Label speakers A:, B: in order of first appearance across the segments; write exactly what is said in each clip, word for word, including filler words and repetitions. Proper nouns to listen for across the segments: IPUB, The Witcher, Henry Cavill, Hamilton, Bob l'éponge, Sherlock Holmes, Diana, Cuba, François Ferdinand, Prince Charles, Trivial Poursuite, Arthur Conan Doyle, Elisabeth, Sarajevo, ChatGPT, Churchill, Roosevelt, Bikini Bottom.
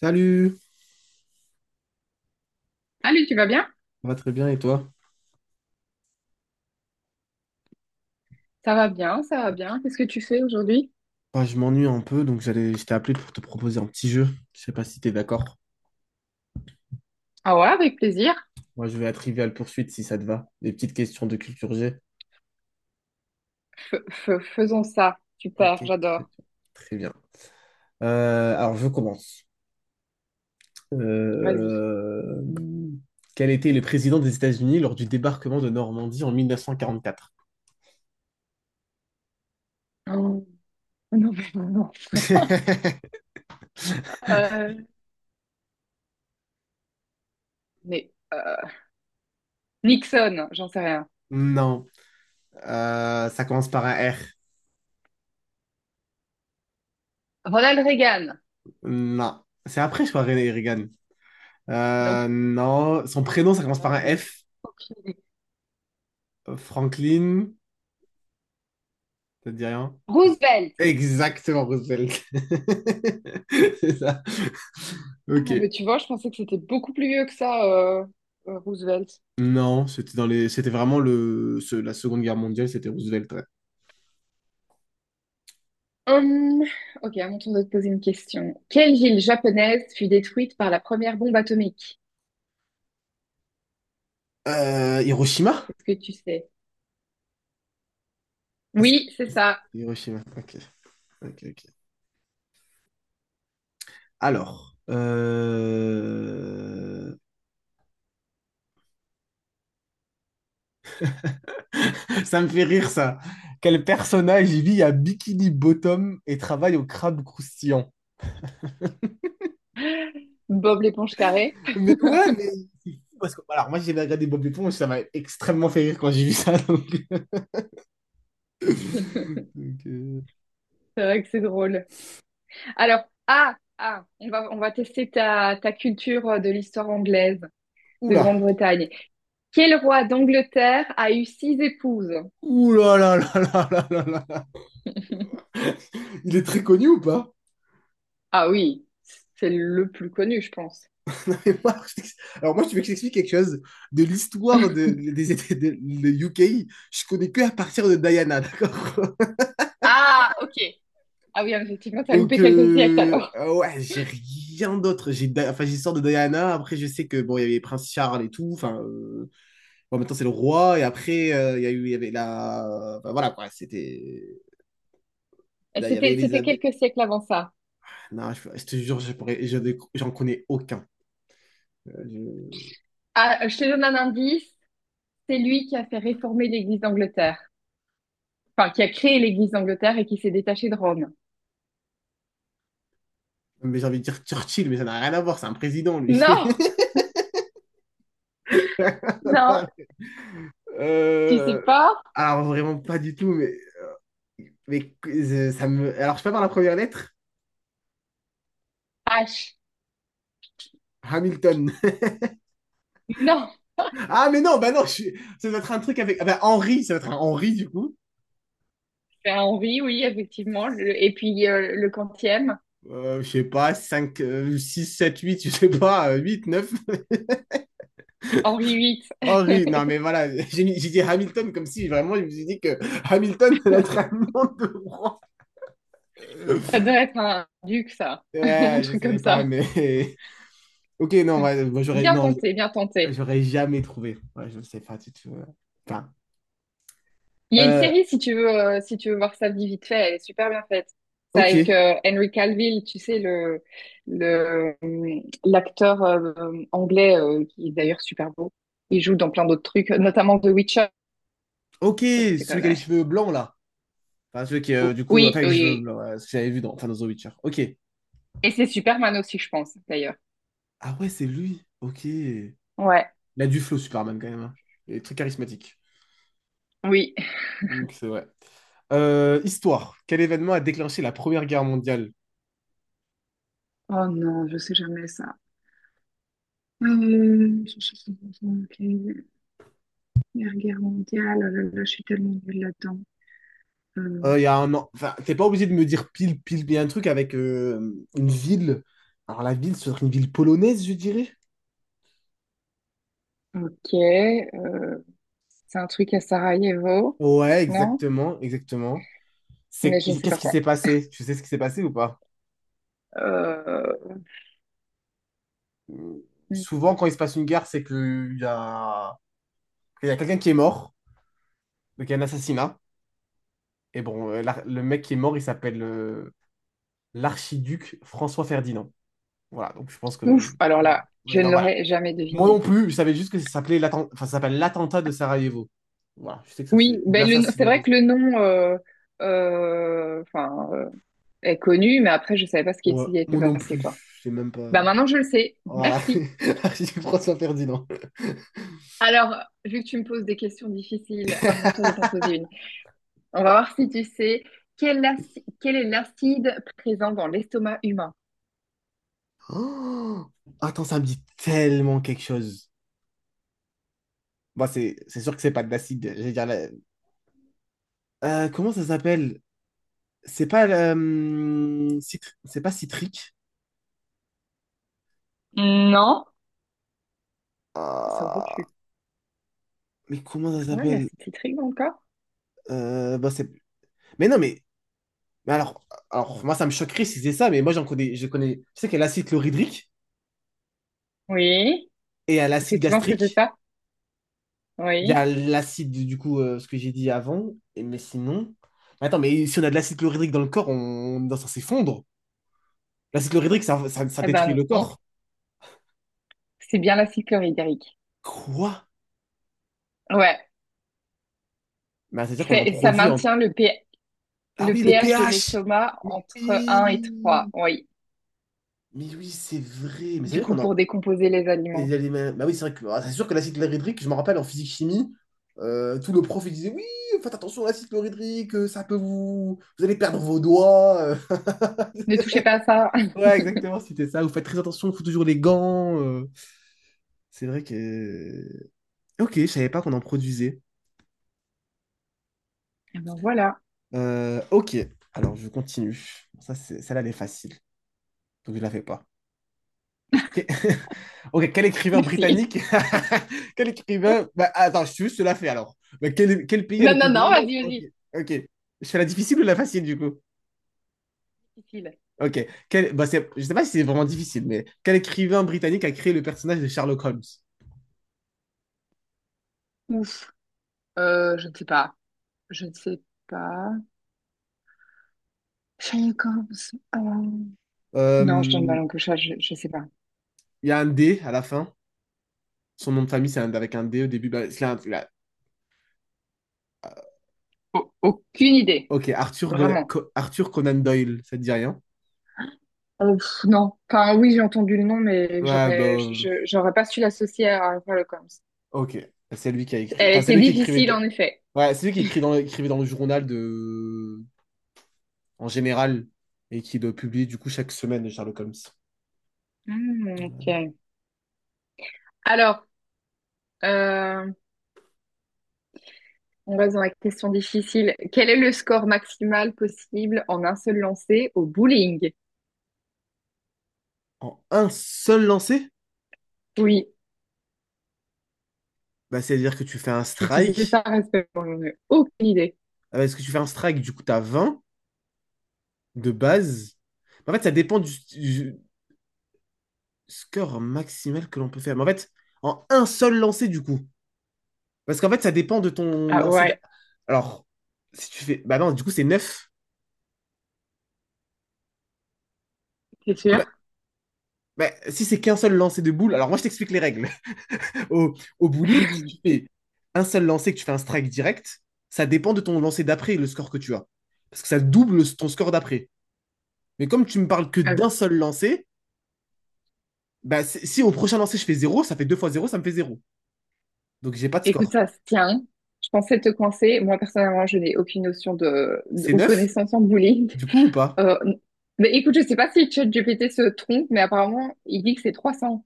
A: Salut,
B: Allez, tu vas bien?
A: ça va très bien et toi?
B: Ça va bien, ça va bien. Qu'est-ce que tu fais aujourd'hui?
A: Bah, je m'ennuie un peu, donc j'allais, je t'ai appelé pour te proposer un petit jeu. Je sais pas si t'es d'accord.
B: Ah ouais, avec plaisir.
A: Moi, je vais à Trivial Poursuite si ça te va. Des petites questions de culture G.
B: F- f- faisons ça.
A: Ok,
B: Super,
A: très bien.
B: j'adore.
A: Très bien. Euh, alors, je commence.
B: Vas-y.
A: Euh, Quel était le président des États-Unis lors du débarquement de Normandie en mille neuf cent quarante-quatre?
B: Oh, non, mais non. Non. Euh, mais euh, Nixon, j'en sais rien.
A: Non. Euh, ça commence par un R.
B: Ronald Reagan.
A: Non. C'est après, je crois, René Reagan.
B: Non
A: Euh,
B: plus.
A: non. Son prénom, ça commence
B: Ah,
A: par
B: j'en
A: un
B: ai
A: F.
B: aucune idée.
A: Franklin, ça te dit rien?
B: Roosevelt.
A: Exactement, Roosevelt. C'est ça.
B: Ah,
A: Ok.
B: mais tu vois, je pensais que c'était beaucoup plus vieux que ça, euh, euh, Roosevelt.
A: Non, c'était dans les... c'était vraiment le... ce- la Seconde Guerre mondiale, c'était Roosevelt, ouais.
B: Hum, ok, à mon tour de te poser une question. Quelle ville japonaise fut détruite par la première bombe atomique?
A: Euh, Hiroshima?
B: Qu'est-ce que tu sais?
A: Est-ce que-
B: Oui, c'est ça.
A: Hiroshima, ok. Ok, ok. Alors, euh, ça me fait rire ça. Quel personnage vit à Bikini Bottom et travaille au crabe croustillant?
B: Bob l'éponge carrée.
A: Mais ouais, mais c'est fou parce que alors moi j'ai regardé Bob l'éponge, ça m'a extrêmement fait rire quand j'ai vu ça. Donc.
B: C'est
A: Donc, euh,
B: vrai que c'est drôle. Alors, ah, ah, on va, on va tester ta, ta culture euh, de l'histoire anglaise de
A: Oula!
B: Grande-Bretagne. Quel roi d'Angleterre a eu six épouses?
A: Ouh là là là là là là là. Il est très connu ou pas?
B: Ah oui, c'est le plus connu, je pense.
A: moi, je t'ex- Alors moi, tu veux que je t'explique quelque chose de l'histoire de, des États de, le U K. Je connais que à partir de Diana, d'accord?
B: Ah, ok. Ah oui, effectivement, t'as
A: Donc
B: loupé quelques siècles
A: euh,
B: alors.
A: ah ouais, j'ai rien d'autre. J'ai Di- enfin j'ai l'histoire de Diana. Après, je sais que bon, il y avait Prince Charles et tout. Enfin, euh, bon, maintenant c'est le roi. Et après, euh, il y a eu, il y avait la, enfin, voilà quoi. C'était, il y avait
B: C'était, c'était
A: Elisabeth.
B: quelques siècles avant ça.
A: Non, je, je te jure, je pourrais, je j'en connais aucun. Je-
B: Ah, je te donne un indice. C'est lui qui a fait réformer l'Église d'Angleterre. Enfin, qui a créé l'Église d'Angleterre et qui s'est détaché de Rome.
A: Mais j'ai envie de dire Churchill, mais ça n'a rien à voir, c'est un président, lui.
B: Non, non, tu sais
A: Euh,
B: pas?
A: Alors, vraiment pas du tout. mais... mais euh, ça me... Alors, je peux par la première lettre?
B: H.
A: Hamilton.
B: Non,
A: Ah, mais non, bah non, je ça doit être un truc avec. Ah, bah, Henry, ça doit être un Henry, du coup.
B: c'est Henri, oui, effectivement. Le- et puis euh, le quantième,
A: Euh, je sais pas, cinq euh, six sept huit je sais pas, euh, huit neuf
B: Henri huit.
A: Henry, non, mais voilà, j'ai j'ai dit Hamilton comme si vraiment, je me suis dit que Hamilton, ça doit être un nom de roi.
B: Ça doit être un duc, ça, un
A: Ouais, je
B: truc comme
A: savais pas,
B: ça.
A: mais. Ok, non, ouais, moi, j'aurais
B: Bien
A: non,
B: tenté, bien tenté.
A: j'aurais jamais trouvé. Ouais, je ne sais pas du tout. euh. Enfin,
B: Il y a une
A: euh,
B: série, si tu veux, euh, si tu veux voir ça vite fait, elle est super bien faite. C'est avec
A: ok,
B: euh, Henry Cavill, tu sais, le, le, euh, l'acteur euh, anglais, euh, qui est d'ailleurs super beau. Il joue dans plein d'autres trucs, notamment The Witcher,
A: ok,
B: si tu
A: celui qui a les
B: connais.
A: cheveux blancs là. Enfin, celui qui, euh,
B: O-
A: du coup, enfin,
B: Oui,
A: avec
B: oui.
A: les cheveux
B: Oui.
A: blancs, euh, ce que j'avais vu dans, enfin, dans The Witcher. Ok.
B: Et c'est Superman aussi, je pense, d'ailleurs.
A: Ah ouais, c'est lui. Ok. Il
B: Ouais,
A: a du flow, Superman, quand même, hein. Il est très charismatique.
B: oui.
A: Donc, c'est vrai. Euh, histoire. Quel événement a déclenché la Première Guerre mondiale?
B: Oh non, je sais jamais ça. Euh, je- je- je- je- ok. Première guerre mondiale, oh là là, je suis tellement nulle là-dedans. Euh,
A: Euh, Il y a un an. Enfin, t'es pas obligé de me dire pile, pile. Il y a un truc avec euh, une ville. Alors, la ville, ce serait une ville polonaise, je dirais.
B: Ok, euh, c'est un truc à Sarajevo,
A: Ouais,
B: non?
A: exactement, exactement. C'est
B: Mais je ne sais pas
A: qu'est-ce qui
B: quoi.
A: s'est passé? Tu sais ce qui s'est passé ou pas?
B: Euh,
A: Euh, Souvent, quand il se passe une guerre, c'est qu'il y a, il y a quelqu'un qui est mort, donc il y a un assassinat. Et bon, euh, l'ar- le mec qui est mort, il s'appelle euh, l'archiduc François Ferdinand. Voilà, donc je pense que.
B: ouf, alors là,
A: Ouais,
B: je
A: non,
B: ne
A: voilà.
B: l'aurais jamais
A: Moi non
B: deviné.
A: plus, je savais juste que ça s'appelait l'atten- enfin, ça s'appelle l'attentat de Sarajevo. Voilà, je sais que ça c'est.
B: Oui,
A: Ou
B: ben le, c'est
A: l'assassinat
B: vrai
A: de.
B: que le nom euh, euh, enfin, euh, est connu, mais après, je ne savais pas ce qui
A: Ouais,
B: s'y était
A: moi non
B: passé,
A: plus,
B: quoi.
A: je sais même pas.
B: Ben maintenant, je le sais.
A: Voilà,
B: Merci.
A: l'archiduc François Ferdinand.
B: Alors, vu que tu me poses des questions difficiles, à mon tour de t'en poser une. On va voir si tu sais quel, aci- quel est l'acide présent dans l'estomac humain.
A: Oh. Attends, ça me dit tellement quelque chose. Bon, c'est c'est sûr que c'est pas de l'acide. J'allais dire la- Euh, comment ça s'appelle? C'est pas euh, citr- c'est pas citrique.
B: Non. Ça aurait
A: Ah,
B: pu.
A: mais comment ça
B: Est-ce qu'on a de
A: s'appelle?
B: l'acide citrique dans le corps?
A: Euh, bah, c'est- mais non mais, mais alors alors moi ça me choquerait si c'est ça, mais moi j'en connais je connais. Je sais qu'il y a l'acide chlorhydrique
B: Oui.
A: et il y a
B: Est-ce que
A: l'acide
B: tu penses que c'est
A: gastrique.
B: ça?
A: Il y a
B: Oui.
A: l'acide du coup euh, ce que j'ai dit avant. Et, mais sinon, mais attends, mais si on a de l'acide chlorhydrique dans le corps, on, on est censé fondre. L'acide ça, ça, ça
B: Eh
A: détruit
B: ben
A: le
B: non,
A: corps.
B: c'est bien l'acide chlorhydrique.
A: Quoi?
B: Ouais.
A: Mais c'est-à-dire qu'on en
B: C'est- ça
A: produit en...
B: maintient le, P-
A: Ah
B: le
A: oui, le
B: pH de
A: pH!
B: l'estomac
A: Mais
B: entre un et trois.
A: oui!
B: Oui.
A: Mais oui, c'est vrai. Mais
B: Du
A: c'est-à-dire
B: coup,
A: qu'on
B: pour
A: en...
B: décomposer les
A: Il
B: aliments.
A: y a les mêmes- Bah oui, c'est vrai que... ah, c'est sûr que l'acide chlorhydrique, je me rappelle en physique-chimie, euh, tout le prof il disait, oui, faites attention à l'acide chlorhydrique, euh, ça peut vous... Vous allez perdre vos doigts, euh.
B: Ne touchez pas à ça.
A: Ouais, exactement, c'était ça. Vous faites très attention, il faut toujours les gants, euh. C'est vrai que... Ok, je savais pas qu'on en produisait.
B: Eh ben voilà.
A: Euh, ok, alors je continue. Ça, c'est- celle-là, elle est facile. Donc je ne la fais pas. Que- Ok, quel écrivain
B: Merci.
A: britannique? Quel écrivain? Bah, attends, je je te la fais alors. Bah, quel, quel pays a
B: Non,
A: le
B: non,
A: plus grand
B: non,
A: nombre?
B: vas-y,
A: Ok,
B: vas-y.
A: ok. Je fais la difficile ou la facile du coup?
B: Difficile.
A: Ok. Quel... Bah, c'est... Je ne sais pas si c'est vraiment difficile, mais quel écrivain britannique a créé le personnage de Sherlock Holmes?
B: Ouf. Euh, je ne sais pas. Je ne sais pas. Sherlock Holmes. Euh, non, je donne ma
A: Euh,
B: langue au chat, je ne sais pas.
A: Il y a un D à la fin. Son nom de famille, c'est un- avec un D au début. Bah, c'est un- là. Euh,
B: Au- aucune idée.
A: Ok, Arthur, Gona-
B: Vraiment.
A: Co- Arthur Conan Doyle, ça te dit rien?
B: Euh, pff, non. Enfin, oui, j'ai entendu le nom, mais
A: Ouais, bah,
B: j'aurais, je,
A: euh,
B: je- j'aurais pas su l'associer à Sherlock Holmes.
A: ok. C'est lui qui a écrit.
B: Elle
A: Enfin, c'est
B: était
A: lui qui écrivait.
B: difficile, en effet.
A: Ouais, c'est lui qui écrit dans, écrivait dans le journal de, en général, et qui le publie du coup chaque semaine, Sherlock Holmes.
B: Hmm, ok. Alors, euh, on reste dans la question difficile. Quel est le score maximal possible en un seul lancer au bowling?
A: En un seul lancer?
B: Oui,
A: Bah, c'est-à-dire que tu fais un
B: si tu sais ça,
A: strike.
B: respecte-moi. J'en ai aucune idée.
A: Ah. Parce que tu fais un strike, du coup, t'as vingt de base. En fait, ça dépend du, du score maximal que l'on peut faire. Mais en fait, en un seul lancer, du coup. Parce qu'en fait, ça dépend de ton
B: Ah
A: lancer. d'a-
B: ouais.
A: Alors, si tu fais. Bah non, du coup, c'est neuf.
B: C'est
A: Non,
B: sûr.
A: mais- si c'est qu'un seul lancer de boule, alors moi, je t'explique les règles. Au, au bowling, si tu fais un seul lancer, que tu fais un strike direct, ça dépend de ton lancer d'après, le score que tu as. Parce que ça double ton score d'après. Mais comme tu me parles que
B: Euh,
A: d'un seul lancer, bah, c'est- si au prochain lancer je fais zéro, ça fait deux fois zéro, ça me fait zéro. Donc j'ai pas de score.
B: écoute, ça se tient. Je pensais te coincer. Moi, personnellement, je n'ai aucune notion de, de-
A: C'est
B: ou
A: neuf
B: connaissance en bullying.
A: du coup ou pas?
B: Euh, mais écoute, je sais pas si ChatGPT se trompe, mais apparemment, il dit que c'est trois cents.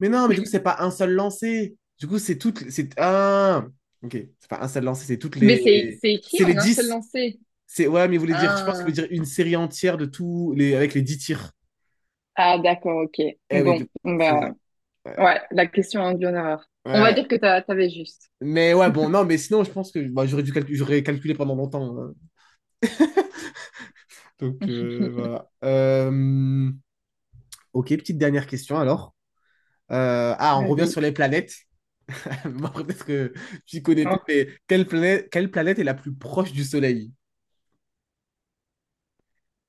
A: Mais non, mais du coup, c'est pas un seul lancer. Du coup, c'est toutes. C'est un. Ok, c'est pas un seul lancer, c'est toutes
B: Mais c'est,
A: les.
B: c'est écrit
A: C'est les
B: en un seul
A: dix.
B: lancer.
A: C'est... Ouais, mais vous voulez dire, je pense que vous
B: Ah,
A: voulez dire une série entière de tous les, avec les dix tirs.
B: ah d'accord, ok.
A: Eh oui, du
B: Bon,
A: coup, c'est
B: bah,
A: ça. Ouais.
B: ouais, la question a induit en erreur. On va dire
A: Ouais.
B: que t'as- t'avais juste.
A: Mais ouais, bon, non, mais sinon, je pense que bah, j'aurais dû calcu- j'aurais calculé pendant longtemps, hein. Donc, euh, voilà. Euh, ok, petite dernière question alors. Euh, ah, on revient
B: Vas-y.
A: sur les planètes. Moi, peut-être que tu connais pas,
B: Hein.
A: mais quelle planète, quelle planète est la plus proche du Soleil?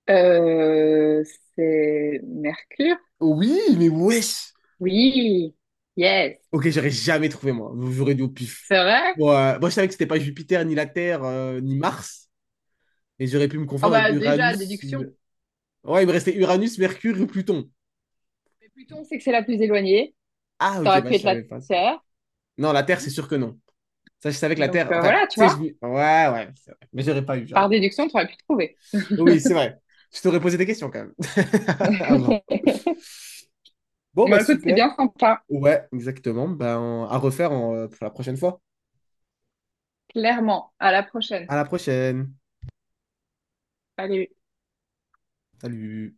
B: Euh, c'est Mercure?
A: Oui, mais wesh!
B: Oui. Yes.
A: Ok, j'aurais jamais trouvé, moi. J'aurais dû au pif.
B: C'est vrai?
A: Bon, euh, moi, je savais que c'était pas Jupiter, ni la Terre, euh, ni Mars. Et j'aurais pu me
B: Ah
A: confondre avec
B: bah déjà,
A: Uranus. ou-
B: déduction.
A: Ouais, il me restait Uranus, Mercure et Pluton.
B: Mais Pluton, c'est que c'est la plus éloignée.
A: Ah,
B: Ça
A: ok,
B: aurait
A: bah,
B: pu
A: je
B: être la
A: savais pas ça.
B: Terre.
A: Non, la Terre, c'est sûr que non. Ça, je savais que la
B: Donc
A: Terre.
B: euh,
A: Enfin, tu
B: voilà, tu
A: sais, je.
B: vois,
A: Dis. Ouais, ouais, c'est vrai. Mais j'aurais pas eu, j'aurais
B: par
A: pas eu.
B: déduction, tu aurais pu trouver.
A: Oui, c'est vrai. Je t'aurais posé des questions quand même. Avant. Bon,
B: Bon,
A: bah,
B: écoute, c'était
A: super.
B: bien sympa,
A: Ouais, exactement. Ben, à refaire en- pour la prochaine fois.
B: clairement. À la prochaine.
A: À la prochaine.
B: Allez.
A: Salut.